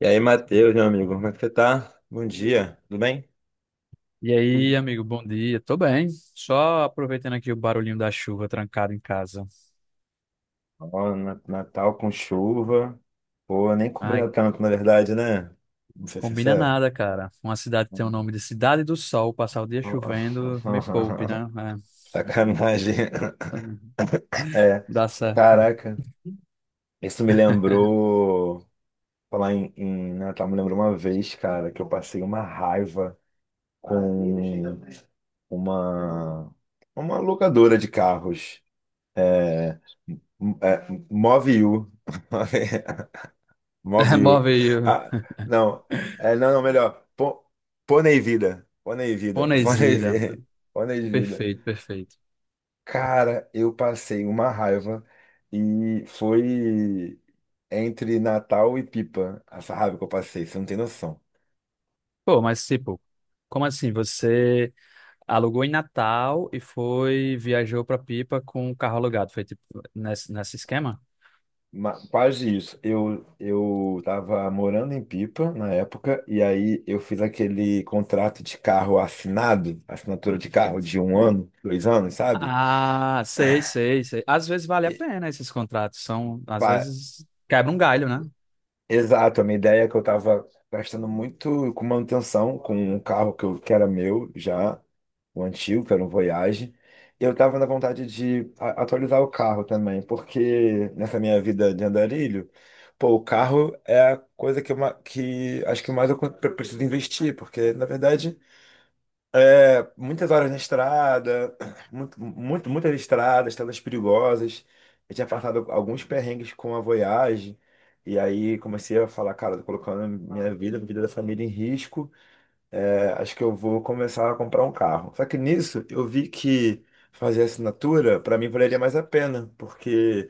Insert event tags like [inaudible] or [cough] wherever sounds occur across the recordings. E aí, Matheus, meu amigo, como é que você tá? Bom dia, tudo bem? E aí, amigo, bom dia. Tô bem. Só aproveitando aqui o barulhinho da chuva trancado em casa. Ó, Natal com chuva. Pô, nem Ai, cobriu tanto, na verdade, né? Vou ser combina sincero. nada, cara. Uma cidade que tem o nome de Cidade do Sol, passar o dia Ó, chovendo, me [laughs] poupe, né? sacanagem. É, É, dá certo. caraca. Isso me [laughs] lembrou. Falar em Natal, me lembrou uma vez, cara, que eu passei uma raiva com uma, uma locadora de carros. É, é, Move You. [laughs] Móvel. Move aí. O- Ah, não. É, não, não, melhor. Pônei vida. Pônei vida. [laughs] Pônei Ponesida. vida. Pônei vida. Perfeito, perfeito. Cara, eu passei uma raiva e foi entre Natal e Pipa essa raiva que eu passei, você não tem noção. Pô, mas tipo, como assim? Você alugou em Natal e foi, viajou pra Pipa com o carro alugado? Foi tipo nesse esquema? Quase isso. Eu tava morando em Pipa na época, e aí eu fiz aquele contrato de carro assinado, assinatura de carro de um ano, dois anos, sabe? Ah, sei, sei, sei. Às vezes vale a pena esses contratos, são, às vezes quebra um galho, né? Exato, a minha ideia é que eu estava gastando muito com manutenção, com um carro que era meu já, o antigo, que era um Voyage, e eu estava na vontade de atualizar o carro também, porque nessa minha vida de andarilho, pô, o carro é a coisa que acho que mais eu preciso investir, porque na verdade muitas horas na estrada, muito, muito, muitas estradas perigosas. Eu tinha passado alguns perrengues com a Voyage. E aí comecei a falar, cara, tô colocando minha vida, a vida da família em risco. É, acho que eu vou começar a comprar um carro. Só que nisso eu vi que fazer assinatura, para mim, valeria mais a pena, porque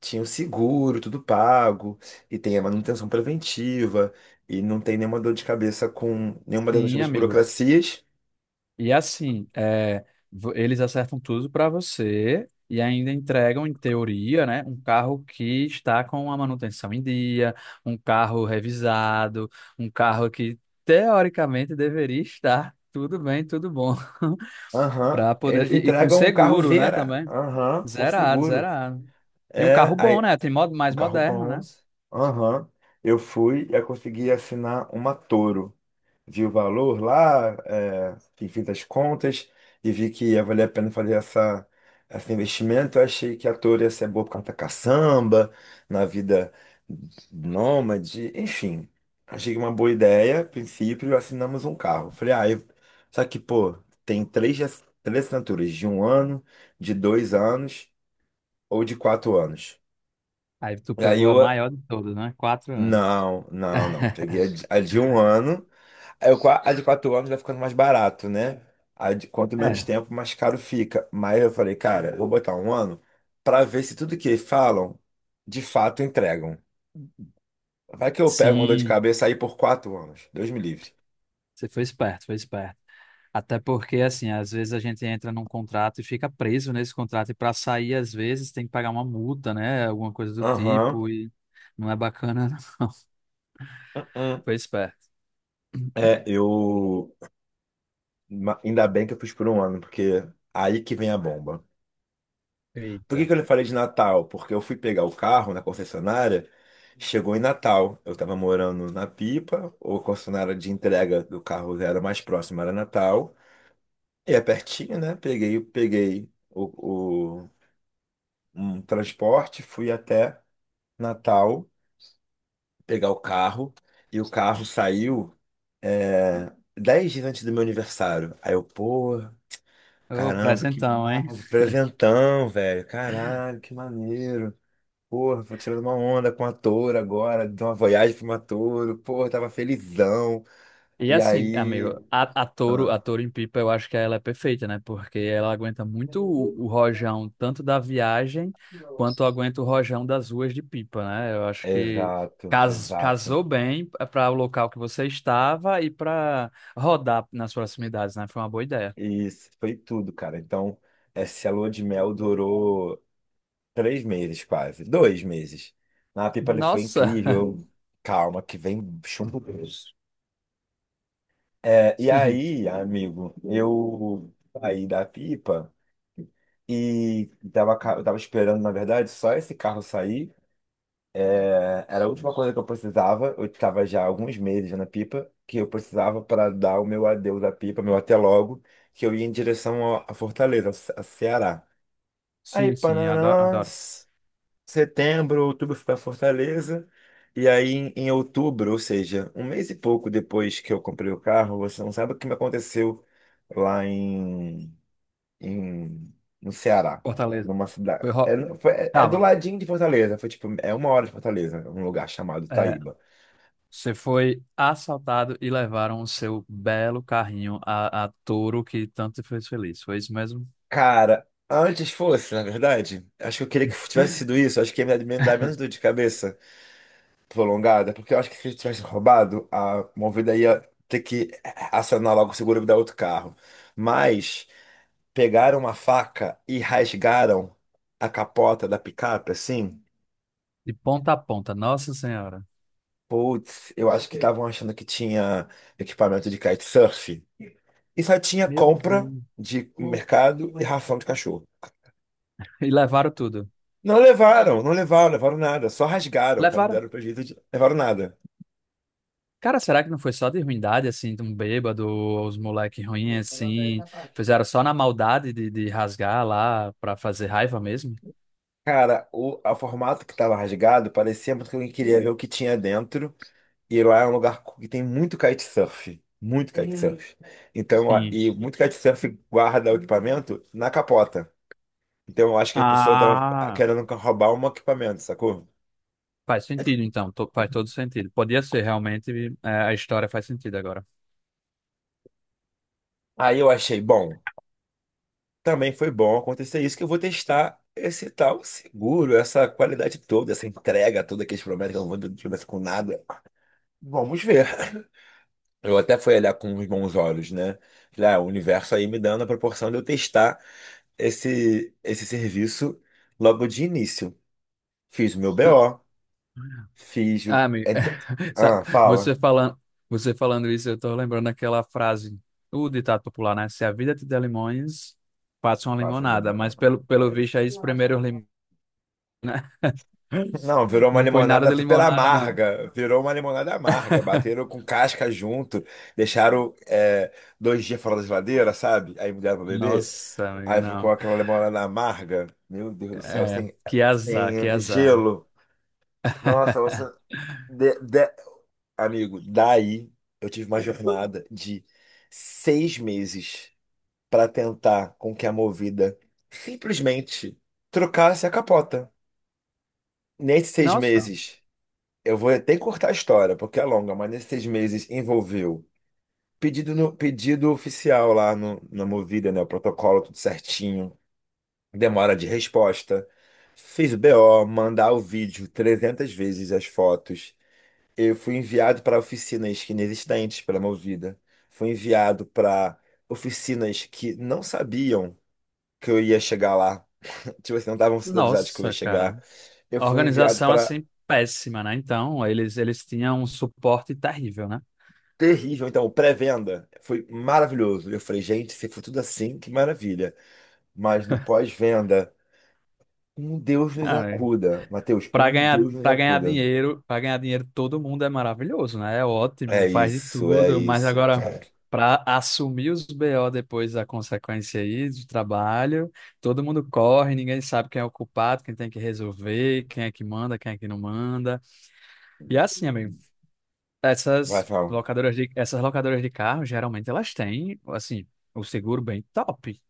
tinha o seguro, tudo pago, e tem a manutenção preventiva, e não tem nenhuma dor de cabeça com nenhuma dessas Sim, outras amigo. burocracias. E assim, é, vo- eles acertam tudo para você e ainda entregam, em teoria, né, um carro que está com a manutenção em dia, um carro revisado, um carro que teoricamente deveria estar tudo bem, tudo bom. [laughs] Aham. Para poder Eles e com entregam um carro seguro, né, Vera. também. Aham, com Zerado, seguro. zerado. E um É, carro bom, aí, né? Tem mo- um mais carro moderno, bom. né? Aham. Eu fui e eu consegui assinar uma Toro, vi o valor lá, e fiz as contas e vi que ia valer a pena fazer esse investimento. Eu achei que a Toro ia ser boa por causa da caçamba, na vida nômade, enfim. Achei uma boa ideia. A princípio, assinamos um carro. Falei, ah, eu... só que, pô, tem três assinaturas, de um ano, de dois anos ou de quatro anos. Aí tu E aí pegou a eu, maior de todas, né? Quatro anos. não, não, não. Peguei a de um ano. É, a de quatro anos vai ficando mais barato, né? A de quanto menos É, tempo, mais caro fica. Mas eu falei, cara, eu vou botar um ano pra ver se tudo que falam, de fato entregam. Vai que eu pego uma dor de sim, cabeça aí por quatro anos. Deus me livre. você foi esperto, foi esperto. Até porque, assim, às vezes a gente entra num contrato e fica preso nesse contrato, e para sair, às vezes, tem que pagar uma multa, né? Alguma coisa do Aham. tipo, e não é bacana. Não. [laughs] Uhum. Foi esperto. É, eu. Ainda bem que eu fiz por um ano, porque aí que vem a bomba. Por que Eita. que eu lhe falei de Natal? Porque eu fui pegar o carro na concessionária, chegou em Natal. Eu estava morando na Pipa, o concessionária de entrega do carro era mais próximo, era Natal. E é pertinho, né? Peguei um transporte, fui até Natal pegar o carro. E o carro saiu dez dias antes do meu aniversário. Aí eu, pô, Ô, caramba, que presentão, hein? massa, presentão, velho. Caralho, que maneiro. Porra, tô tirando uma onda com a Touro agora, de uma viagem pra uma Touro. Porra, tava felizão. E E assim, aí. amigo, a Touro, Ah, a Touro em Pipa, eu acho que ela é perfeita, né? Porque ela aguenta muito o rojão, tanto da viagem, quanto aguenta o rojão das ruas de Pipa, né? Eu acho que exato, cas, exato. casou bem para o local que você estava e para rodar nas proximidades, né? Foi uma boa ideia. E isso foi tudo, cara. Então, essa lua de mel durou três meses, quase. Dois meses. Na Pipa ele foi Nossa! incrível. Calma, que vem chumbo grosso. E [laughs] aí, amigo, eu saí da Pipa. E eu tava esperando, na verdade, só esse carro sair. Era a última coisa que eu precisava. Eu estava já há alguns meses na Pipa, que eu precisava para dar o meu adeus à Pipa, meu até logo, que eu ia em direção à Fortaleza, ao Ce- a Ceará. Aí, Sim, sim, adoro, Panará, adoro. setembro, outubro, eu fui para Fortaleza. E aí, em outubro, ou seja, um mês e pouco depois que eu comprei o carro, você não sabe o que me aconteceu lá em, no Ceará, Fortaleza. numa cidade. Foi É, ro... no- foi- é- é do Calma. ladinho de Fortaleza, foi tipo, é uma hora de Fortaleza, um lugar chamado É, Taíba. Você foi assaltado e levaram o seu belo carrinho a touro que tanto te fez feliz. Foi isso mesmo? Cara, antes fosse, na verdade, acho que eu queria que tivesse sido isso, acho que ia me dar menos dor de cabeça prolongada, porque eu acho que se ele tivesse roubado, a Movida ia ter que acionar logo o seguro e me dar outro carro. Mas pegaram uma faca e rasgaram a capota da picape, assim. De ponta a ponta, Nossa Senhora. Putz, eu acho que estavam achando que tinha equipamento de kitesurf. E só tinha Meu compra Deus. de mercado e ração de cachorro. E levaram tudo. Não levaram, não levaram, levaram nada. Só rasgaram, sabe? Levaram. Deram pra jeito de... Levaram nada. Cara, será que não foi só de ruindade, assim, de um bêbado, os moleques ruins, assim, fizeram só na maldade de rasgar lá pra fazer raiva mesmo? Cara, o a formato que tava rasgado parecia muito que alguém queria ver o que tinha dentro. E lá é um lugar que tem muito kitesurf. Muito kitesurf. Então, a- Sim. e muito kitesurf guarda o equipamento na capota. Então, eu acho que a pessoa tava Ah, querendo roubar um equipamento, sacou? faz sentido então, to- faz todo sentido. Podia ser realmente, é, a história faz sentido agora. Aí eu achei, bom, também foi bom acontecer isso, que eu vou testar esse tal seguro, essa qualidade toda, essa entrega toda que eles prometem, que eu não vou promessa com nada. Vamos ver. Eu até fui olhar com os bons olhos, né? Falei, ah, o universo aí me dando a proporção de eu testar esse serviço logo de início. Fiz o meu BO, fiz Ah, o. amigo, ent- [laughs] sa- Ah, fala. Você falando isso, eu tô lembrando aquela frase, o ditado popular, né? Se a vida te der limões, faça uma Passa limonada. Mas demanda. pelo É isso. visto aí, os primeiros limões, né? Não, virou [laughs] uma Não foi nada limonada de super limonada, não. amarga. Virou uma limonada amarga. Bateram [laughs] com casca junto. Deixaram dois dias fora da geladeira, sabe? Aí me deram pra beber. Nossa, amigo, Aí ficou não. aquela limonada amarga. Meu Deus do céu, É, sem, que azar, que sem azar. gelo. Nossa, você. [laughs] de- de- Amigo, daí eu tive uma jornada de seis meses pra tentar com que a Movida simplesmente trocasse a capota. Nesses seis Nossa, meses. Eu vou até cortar a história, porque é longa, mas nesses seis meses envolveu pedido oficial lá no, na Movida, né? O protocolo tudo certinho, demora de resposta. Fiz o BO, mandar o vídeo 300 vezes, as fotos. Eu fui enviado para oficinas que inexistentes pela Movida. Fui enviado para oficinas que não sabiam que eu ia chegar lá. [laughs] Tipo assim, não estavam sendo avisados que eu ia nossa, chegar. cara. Eu A fui enviado organização para assim péssima, né? Então, eles tinham um suporte terrível, né? Terrível, então, o pré-venda foi maravilhoso. Eu falei, gente, se for tudo assim, que maravilha. Mas no pós-venda, um Deus nos acuda. Mateus, um Deus nos acuda. Para ganhar dinheiro, todo mundo é maravilhoso, né? É É ótimo, faz de isso, é tudo, mas isso. agora para assumir os BO depois da consequência aí do trabalho, todo mundo corre, ninguém sabe quem é o culpado, quem tem que resolver, quem é que manda, quem é que não manda. E assim, amigo, Vai essas falar. locadoras de essas locadoras de carro, geralmente elas têm, assim, o seguro bem top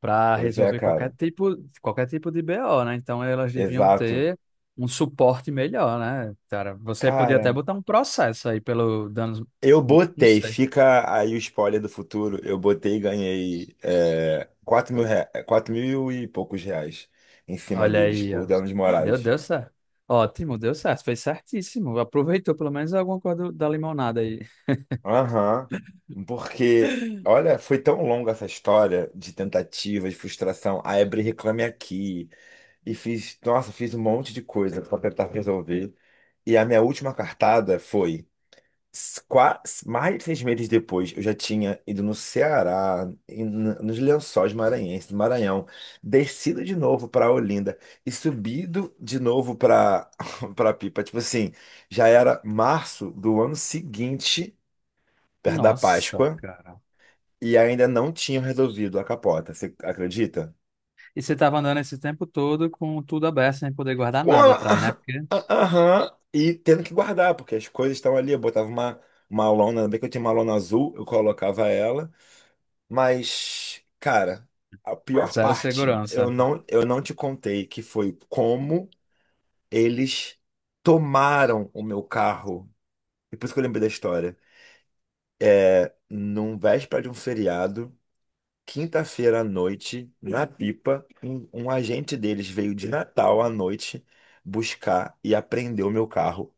para Pois é, resolver cara. Qualquer tipo de BO, né? Então elas deviam Exato. ter um suporte melhor, né? Cara, você podia até Cara, botar um processo aí pelo danos, eu não não botei, sei. fica aí o spoiler do futuro. Eu botei e ganhei 4 mil, 4 mil e poucos reais em cima Olha deles aí, por ó. danos Deu, morais. deu certo. Ótimo, deu certo, fez certíssimo. Aproveitou pelo menos alguma coisa do- da limonada aí. Aham, porque, olha, foi tão longa essa história de tentativa, de frustração. A Ebre Reclame Aqui, e fiz, nossa, fiz um monte de coisa para tentar resolver. E a minha última cartada foi s- qua- mais de seis meses depois, eu já tinha ido no Ceará, nos Lençóis Maranhenses, no Maranhão, descido de novo para Olinda e subido de novo para [laughs] Pipa. Tipo assim, já era março do ano seguinte, perto da Nossa, Páscoa cara. e ainda não tinham resolvido a capota, você acredita? E você tava andando esse tempo todo com tudo aberto, sem poder guardar Com nada a, atrás, né? Porque [laughs] aham, e tendo que guardar, porque as coisas estão ali. Eu botava uma lona, ainda bem que eu tinha uma lona azul, eu colocava ela, mas, cara, a pior zero parte, eu segurança. não, eu não te contei, que foi como eles tomaram o meu carro. E por isso que eu lembrei da história. É, num véspera de um feriado. Quinta-feira à noite, na Pipa, um agente deles veio de Natal à noite buscar e apreendeu meu carro,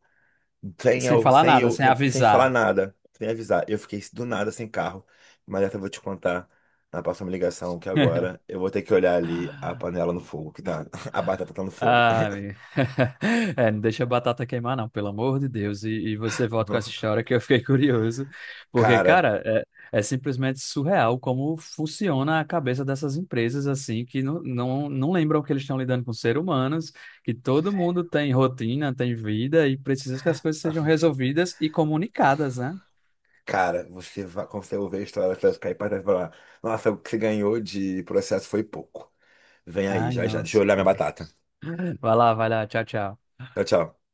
E sem sem eu, falar sem nada, eu, sem sem, sem falar avisar. nada, sem avisar. Eu fiquei do nada sem carro, mas essa eu vou te contar na próxima ligação, que [laughs] agora eu vou ter que olhar ali a panela no fogo, que tá, [laughs] a batata tá no fogo. Ah, mi- [laughs] é, não deixa a batata queimar, não, pelo amor de Deus. E você volta com essa [laughs] história que eu fiquei [laughs] curioso, porque, Cara, cara, é, é simplesmente surreal como funciona a cabeça dessas empresas, assim, que não, não, não lembram que eles estão lidando com seres humanos, que todo mundo tem rotina, tem vida e precisa que as coisas sejam resolvidas e comunicadas, né? cara, você vai, quando você ouvir a história, você vai cair para trás e falar, nossa, o que você ganhou de processo foi pouco. Vem aí, Ai, já já, deixa eu nossa, olhar minha cara. batata. Vai lá, tchau, tchau. Tchau, tchau.